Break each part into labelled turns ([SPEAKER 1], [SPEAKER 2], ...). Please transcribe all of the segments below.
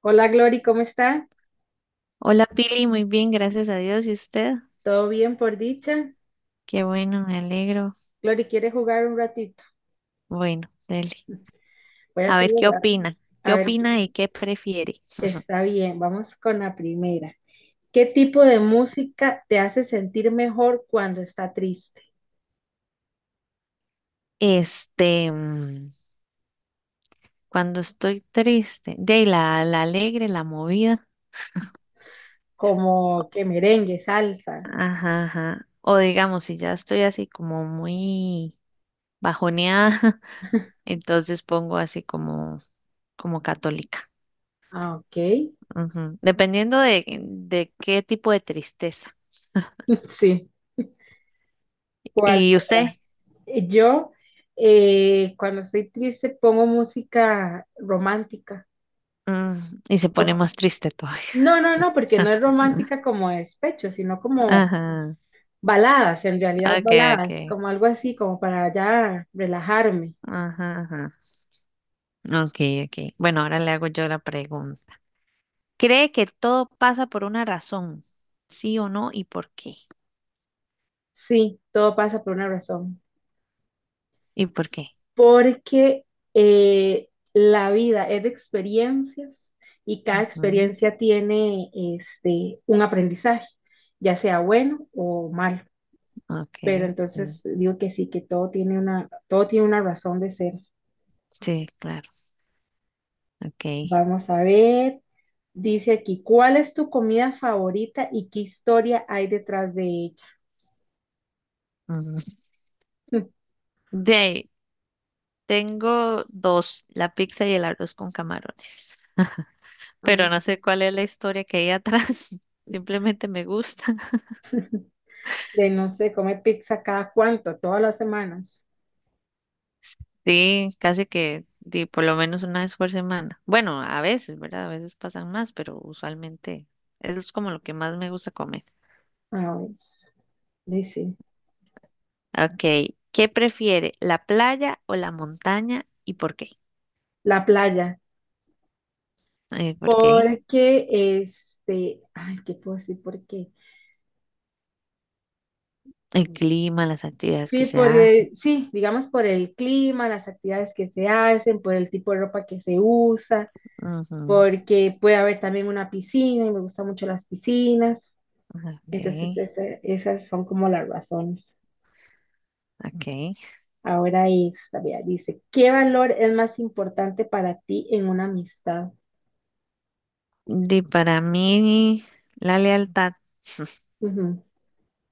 [SPEAKER 1] Hola Glory, ¿cómo está?
[SPEAKER 2] Hola Pili, muy bien, gracias a Dios. ¿Y usted?
[SPEAKER 1] ¿Todo bien por dicha?
[SPEAKER 2] Qué bueno, me alegro.
[SPEAKER 1] Glory, ¿quiere jugar un ratito?
[SPEAKER 2] Bueno, dele.
[SPEAKER 1] Voy a
[SPEAKER 2] A
[SPEAKER 1] hacer
[SPEAKER 2] ver, ¿qué opina? ¿Qué
[SPEAKER 1] a ver, qué-
[SPEAKER 2] opina y qué prefiere?
[SPEAKER 1] está bien, vamos con la primera. ¿Qué tipo de música te hace sentir mejor cuando está triste?
[SPEAKER 2] Este, mm, cuando estoy triste, de la alegre, la movida.
[SPEAKER 1] Como que merengue, salsa.
[SPEAKER 2] Ajá, ajá. O digamos, si ya estoy así como muy bajoneada, entonces pongo así como católica.
[SPEAKER 1] Ah, ok.
[SPEAKER 2] Ujú. Dependiendo de qué tipo de tristeza.
[SPEAKER 1] Sí. ¿Cuál
[SPEAKER 2] ¿Y usted?
[SPEAKER 1] otra? Yo, cuando estoy triste, pongo música romántica.
[SPEAKER 2] Mm, y se pone
[SPEAKER 1] O-
[SPEAKER 2] más triste todavía.
[SPEAKER 1] No, no, no, porque no
[SPEAKER 2] Ah,
[SPEAKER 1] es romántica como despecho, sino como
[SPEAKER 2] ajá.
[SPEAKER 1] baladas, en realidad
[SPEAKER 2] Okay,
[SPEAKER 1] baladas,
[SPEAKER 2] okay.
[SPEAKER 1] como algo así, como para ya relajarme.
[SPEAKER 2] Ajá, ajá. Okay, okay. Bueno, ahora le hago yo la pregunta. ¿Cree que todo pasa por una razón? ¿Sí o no? ¿Y por qué?
[SPEAKER 1] Sí, todo pasa por una razón.
[SPEAKER 2] ¿Y por qué?
[SPEAKER 1] Porque la vida es de experiencias y cada
[SPEAKER 2] Ujú,
[SPEAKER 1] experiencia tiene un aprendizaje, ya sea bueno o malo. Pero
[SPEAKER 2] okay, sí.
[SPEAKER 1] entonces digo que sí, que todo tiene una razón de ser.
[SPEAKER 2] Sí, claro. Okay.
[SPEAKER 1] Vamos a ver. Dice aquí, ¿cuál es tu comida favorita y qué historia hay detrás de ella?
[SPEAKER 2] Ujú. De ahí, tengo dos, la pizza y el arroz con camarones. Pero no sé cuál es la historia que hay atrás. Simplemente me gusta.
[SPEAKER 1] De no sé, comer pizza cada cuánto, todas las semanas.
[SPEAKER 2] Sí, casi que di, por lo menos una vez por semana. Bueno, a veces, ¿verdad? A veces pasan más, pero usualmente eso es como lo que más me gusta comer.
[SPEAKER 1] Ah, pues, sí, sí.
[SPEAKER 2] Ok, ¿qué prefiere, la playa o la montaña y por qué?
[SPEAKER 1] La playa.
[SPEAKER 2] ¿Por qué?
[SPEAKER 1] Porque, ay, ¿qué puedo decir? ¿Por qué?
[SPEAKER 2] El clima, las actividades que
[SPEAKER 1] Sí,
[SPEAKER 2] se
[SPEAKER 1] por
[SPEAKER 2] hacen.
[SPEAKER 1] el- sí, digamos por el clima, las actividades que se hacen, por el tipo de ropa que se usa,
[SPEAKER 2] Ujú,
[SPEAKER 1] porque puede haber también una piscina y me gustan mucho las piscinas.
[SPEAKER 2] ok,
[SPEAKER 1] Entonces, ese- esas son como las razones.
[SPEAKER 2] ok.
[SPEAKER 1] Ahora esta, vea, dice, ¿qué valor es más importante para ti en una amistad?
[SPEAKER 2] Di, para mí, la lealtad.
[SPEAKER 1] Ujú,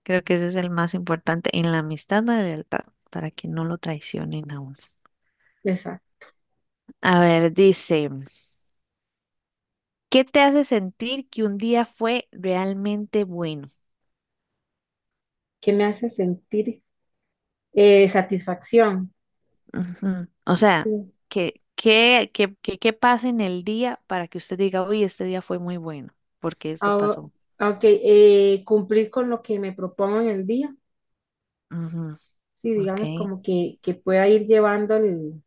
[SPEAKER 2] Creo que ese es el más importante en la amistad, la lealtad, para que no lo traicionen a uno.
[SPEAKER 1] exacto.
[SPEAKER 2] A ver, dice. ¿Qué te hace sentir que un día fue realmente bueno?
[SPEAKER 1] Que me hace sentir satisfacción.
[SPEAKER 2] Ujú. O sea,
[SPEAKER 1] Sí.
[SPEAKER 2] ¿qué pasa en el día para que usted diga, uy, este día fue muy bueno, porque esto
[SPEAKER 1] Ahora,
[SPEAKER 2] pasó?
[SPEAKER 1] ok, cumplir con lo que me propongo en el día.
[SPEAKER 2] Ujú,
[SPEAKER 1] Sí,
[SPEAKER 2] ok.
[SPEAKER 1] digamos como que pueda ir llevando el-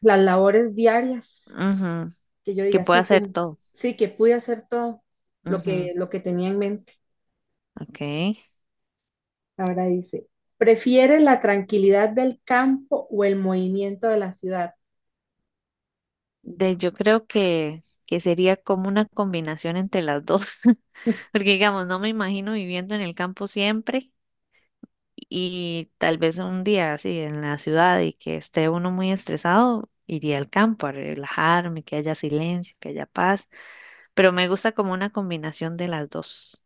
[SPEAKER 1] las labores diarias,
[SPEAKER 2] Ujú,
[SPEAKER 1] que yo
[SPEAKER 2] que
[SPEAKER 1] diga,
[SPEAKER 2] pueda
[SPEAKER 1] sí,
[SPEAKER 2] hacer
[SPEAKER 1] cum-
[SPEAKER 2] todo.
[SPEAKER 1] sí, que pude hacer todo
[SPEAKER 2] Ujú,
[SPEAKER 1] lo que tenía en mente.
[SPEAKER 2] ok.
[SPEAKER 1] Ahora dice, ¿prefiere la tranquilidad del campo o el movimiento de la ciudad?
[SPEAKER 2] De, yo creo que sería como una combinación entre las dos, porque digamos, no me imagino viviendo en el campo siempre. Y tal vez un día así en la ciudad y que esté uno muy estresado, iría al campo a relajarme, que haya silencio, que haya paz, pero me gusta como una combinación de las dos.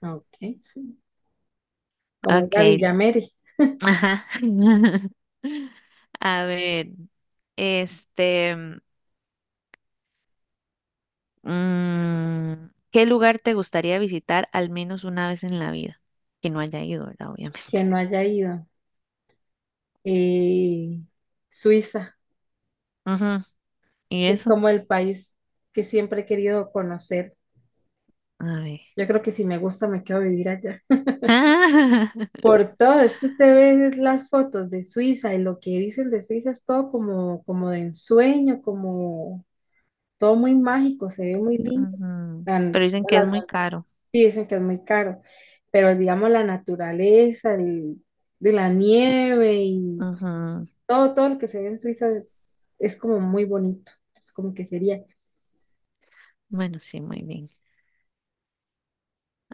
[SPEAKER 1] Ok, sí. Como ir
[SPEAKER 2] Ok,
[SPEAKER 1] a Villamere,
[SPEAKER 2] ajá. A ver, este, mm, ¿qué lugar te gustaría visitar al menos una vez en la vida? Que no haya ido, ¿verdad? Obviamente.
[SPEAKER 1] que no haya ido. Eh, Suiza.
[SPEAKER 2] Ujú. ¿Y
[SPEAKER 1] Sí, es
[SPEAKER 2] eso?
[SPEAKER 1] como el país que siempre he querido conocer.
[SPEAKER 2] A ver.
[SPEAKER 1] Yo creo que si me gusta, me quedo a vivir allá. Por todo, es que usted ve las fotos de Suiza y lo que dicen de Suiza es todo como, como de ensueño, como todo muy mágico, se ve muy lindo.
[SPEAKER 2] Ujú. Pero
[SPEAKER 1] Tan-
[SPEAKER 2] dicen que
[SPEAKER 1] Las
[SPEAKER 2] es muy
[SPEAKER 1] montañas
[SPEAKER 2] caro.
[SPEAKER 1] dicen que es muy caro, pero digamos la naturaleza, el- de la nieve y
[SPEAKER 2] Ujú.
[SPEAKER 1] todo, todo lo que se ve en Suiza es como muy bonito. Es como que sería
[SPEAKER 2] Bueno, sí, muy bien.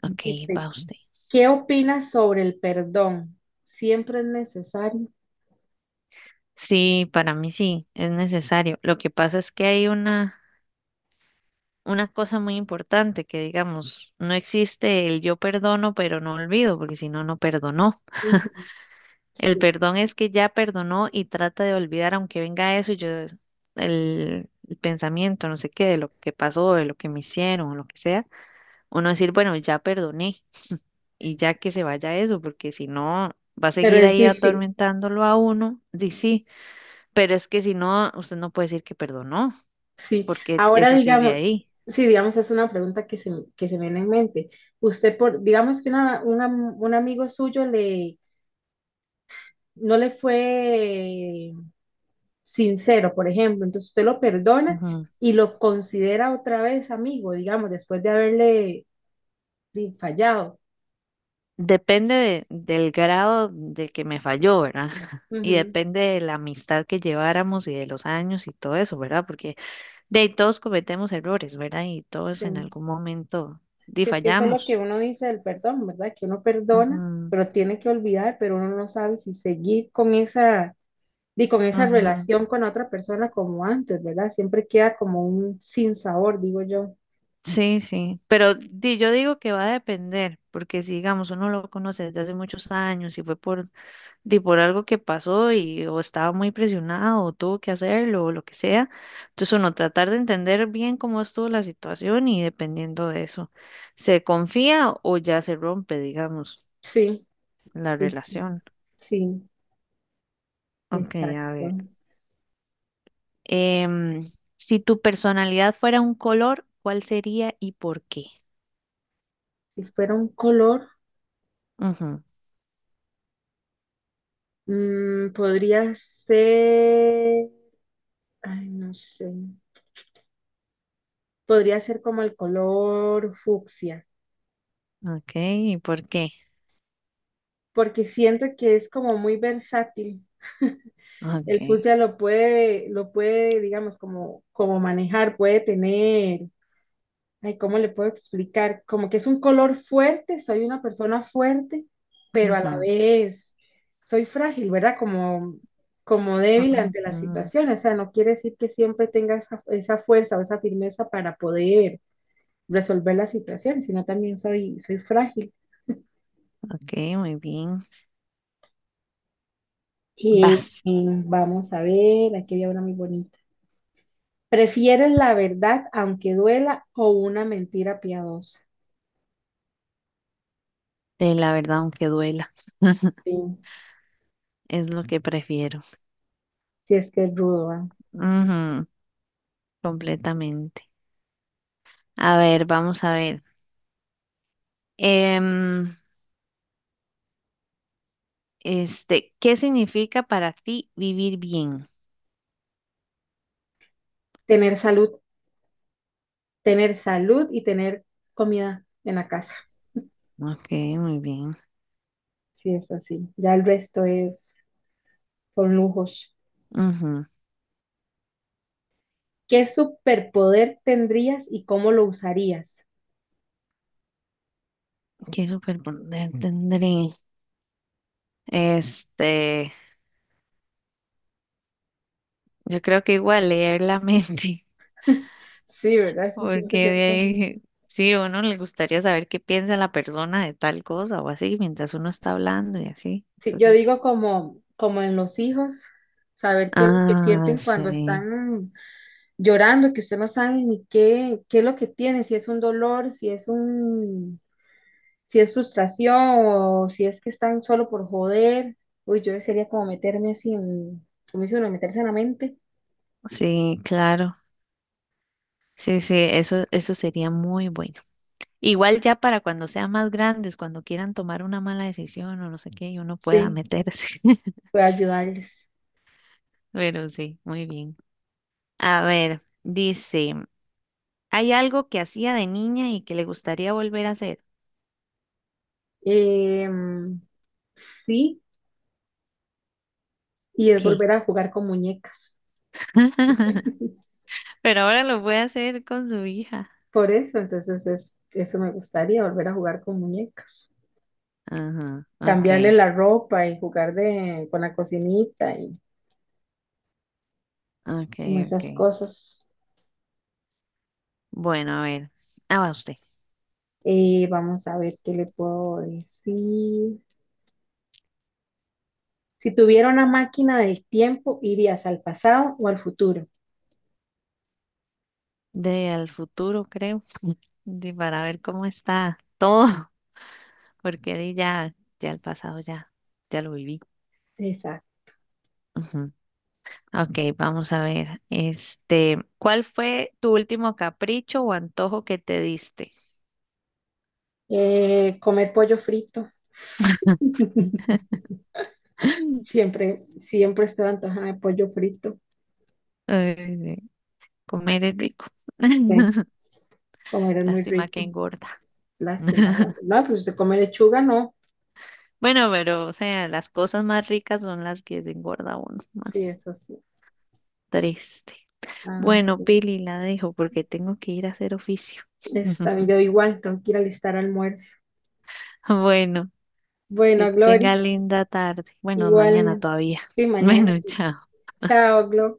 [SPEAKER 2] Ok, va usted.
[SPEAKER 1] ¿qué opinas sobre el perdón? ¿Siempre es necesario?
[SPEAKER 2] Sí, para mí sí, es necesario. Lo que pasa es que hay una cosa muy importante que digamos, no existe el yo perdono, pero no olvido, porque si no, no perdonó.
[SPEAKER 1] Ujú,
[SPEAKER 2] El
[SPEAKER 1] sí.
[SPEAKER 2] perdón es que ya perdonó y trata de olvidar, aunque venga eso, y yo el pensamiento, no sé qué, de lo que pasó, de lo que me hicieron, o lo que sea, uno decir, bueno, ya perdoné y ya que se vaya eso, porque si no, va a
[SPEAKER 1] Pero
[SPEAKER 2] seguir
[SPEAKER 1] es
[SPEAKER 2] ahí
[SPEAKER 1] difícil,
[SPEAKER 2] atormentándolo a uno, di sí, pero es que si no, usted no puede decir que perdonó,
[SPEAKER 1] sí.
[SPEAKER 2] porque
[SPEAKER 1] Ahora
[SPEAKER 2] eso sigue
[SPEAKER 1] digamos,
[SPEAKER 2] ahí.
[SPEAKER 1] sí, digamos, es una pregunta que se me viene en mente. Usted, por, digamos que una- un amigo suyo le, no le fue sincero, por ejemplo, entonces usted lo perdona
[SPEAKER 2] Ujú.
[SPEAKER 1] y lo considera otra vez amigo, digamos, después de haberle di, fallado.
[SPEAKER 2] Depende del grado de que me falló, ¿verdad? Y
[SPEAKER 1] Ujú,
[SPEAKER 2] depende de la amistad que lleváramos y de los años y todo eso, ¿verdad? Porque de ahí todos cometemos errores, ¿verdad? Y todos
[SPEAKER 1] sí.
[SPEAKER 2] en algún momento di
[SPEAKER 1] Si es que eso es lo que
[SPEAKER 2] fallamos.
[SPEAKER 1] uno dice del perdón, ¿verdad? Que uno perdona,
[SPEAKER 2] Ujú,
[SPEAKER 1] pero tiene que olvidar, pero uno no sabe si seguir con esa, y con esa
[SPEAKER 2] ujú.
[SPEAKER 1] relación con otra persona como antes, ¿verdad? Siempre queda como un sinsabor, digo yo.
[SPEAKER 2] Sí, sí, pero di- yo digo que va a depender, porque si digamos uno lo conoce desde hace muchos años y fue por, di, por algo que pasó y o estaba muy presionado o tuvo que hacerlo o lo que sea, entonces uno tratar de entender bien cómo estuvo la situación y dependiendo de eso, se confía o ya se rompe, digamos,
[SPEAKER 1] Sí,
[SPEAKER 2] la
[SPEAKER 1] sí, sí,
[SPEAKER 2] relación.
[SPEAKER 1] sí,
[SPEAKER 2] Ok, a ver.
[SPEAKER 1] exacto.
[SPEAKER 2] em, si tu personalidad fuera un color, ¿cuál sería y por qué?
[SPEAKER 1] Si fuera un color,
[SPEAKER 2] Ujú,
[SPEAKER 1] mm, podría ser, ay, no sé, podría ser como el color fucsia,
[SPEAKER 2] ok, ¿y por qué?
[SPEAKER 1] porque siento que es como muy versátil.
[SPEAKER 2] Ok.
[SPEAKER 1] El fucsia lo puede, digamos, como, como manejar, puede tener, ay, ¿cómo le puedo explicar? Como que es un color fuerte, soy una persona fuerte, pero a la
[SPEAKER 2] Ujú,
[SPEAKER 1] vez soy frágil, ¿verdad? Como, como débil
[SPEAKER 2] ujú.
[SPEAKER 1] ante las
[SPEAKER 2] Ujú.
[SPEAKER 1] situaciones, o sea, no quiere decir que siempre tenga esa, esa fuerza o esa firmeza para poder resolver la situación, sino también soy, soy frágil.
[SPEAKER 2] Ok, muy bien. Vas.
[SPEAKER 1] Y vamos a ver, aquí había una muy bonita. ¿Prefieres la verdad aunque duela o una mentira piadosa?
[SPEAKER 2] La verdad, aunque duela,
[SPEAKER 1] Sí.
[SPEAKER 2] es lo que prefiero.
[SPEAKER 1] Si es que es rudo, ¿va?
[SPEAKER 2] Ujú, completamente. A ver, vamos a ver. Em, ¿Qué significa para ti vivir bien?
[SPEAKER 1] Tener salud, tener salud y tener comida en la casa.
[SPEAKER 2] Ok, muy bien.
[SPEAKER 1] Sí es así. Ya el resto es, son lujos.
[SPEAKER 2] Ujú.
[SPEAKER 1] ¿Qué superpoder tendrías y cómo lo usarías?
[SPEAKER 2] ¿Qué superpoder tendré? Este, yo creo que igual leer la mente.
[SPEAKER 1] Sí, ¿verdad? Es que
[SPEAKER 2] Porque
[SPEAKER 1] siento que
[SPEAKER 2] de
[SPEAKER 1] esto.
[SPEAKER 2] ahí, sí, a uno le gustaría saber qué piensa la persona de tal cosa o así, mientras uno está hablando y así.
[SPEAKER 1] Sí, yo
[SPEAKER 2] Entonces,
[SPEAKER 1] digo como, como en los hijos, saber qué es lo que
[SPEAKER 2] ah,
[SPEAKER 1] sienten cuando
[SPEAKER 2] sí,
[SPEAKER 1] están llorando, que usted no sabe ni qué, qué es lo que tiene, si es un dolor, si es un, si es frustración o si es que están solo por joder. Uy, yo sería como meterme así en, como dice uno, meterse en la mente.
[SPEAKER 2] sí, claro. Sí, sí, eso sería muy bueno. Igual ya para cuando sean más grandes, cuando quieran tomar una mala decisión o no sé qué, y uno pueda
[SPEAKER 1] Sí,
[SPEAKER 2] meterse.
[SPEAKER 1] puedo ayudarles.
[SPEAKER 2] Pero sí, muy bien. A ver, dice, ¿hay algo que hacía de niña y que le gustaría volver a hacer?
[SPEAKER 1] Em, sí, y es
[SPEAKER 2] ¿Qué?
[SPEAKER 1] volver a jugar con muñecas.
[SPEAKER 2] Pero ahora lo voy a hacer con su hija.
[SPEAKER 1] Por eso, entonces es, eso me gustaría, volver a jugar con muñecas.
[SPEAKER 2] Ajá,
[SPEAKER 1] Cambiarle
[SPEAKER 2] ok,
[SPEAKER 1] la ropa y jugar de, con la cocinita y
[SPEAKER 2] ok,
[SPEAKER 1] como
[SPEAKER 2] ok.
[SPEAKER 1] esas cosas.
[SPEAKER 2] Bueno, a ver, ah, va usted.
[SPEAKER 1] Vamos a ver qué le puedo decir. Si tuviera una máquina del tiempo, ¿irías al pasado o al futuro?
[SPEAKER 2] De al futuro, creo, de para ver cómo está todo, porque de ya, ya el pasado ya, ya lo viví.
[SPEAKER 1] Exacto.
[SPEAKER 2] Ujú. Ok, vamos a ver, ¿cuál fue tu último capricho o antojo que te diste?
[SPEAKER 1] Comer pollo frito. Siempre, siempre estoy antojada de pollo frito.
[SPEAKER 2] Ay, comer es rico.
[SPEAKER 1] Sí, comer es muy
[SPEAKER 2] Lástima que
[SPEAKER 1] rico.
[SPEAKER 2] engorda.
[SPEAKER 1] Lástima. ¿Verdad? No, pues se come lechuga, no.
[SPEAKER 2] Bueno, pero, o sea, las cosas más ricas son las que engorda uno
[SPEAKER 1] Sí,
[SPEAKER 2] más.
[SPEAKER 1] eso sí.
[SPEAKER 2] Triste.
[SPEAKER 1] Ay,
[SPEAKER 2] Bueno,
[SPEAKER 1] sí.
[SPEAKER 2] Pili, la dejo porque tengo que ir a hacer oficio.
[SPEAKER 1] Está, bien, yo igual tengo que ir a alistar almuerzo.
[SPEAKER 2] Bueno, que
[SPEAKER 1] Bueno, Glory,
[SPEAKER 2] tenga linda tarde. Bueno, mañana
[SPEAKER 1] igual,
[SPEAKER 2] todavía.
[SPEAKER 1] sí, mañana.
[SPEAKER 2] Bueno, chao.
[SPEAKER 1] Chao, Glory.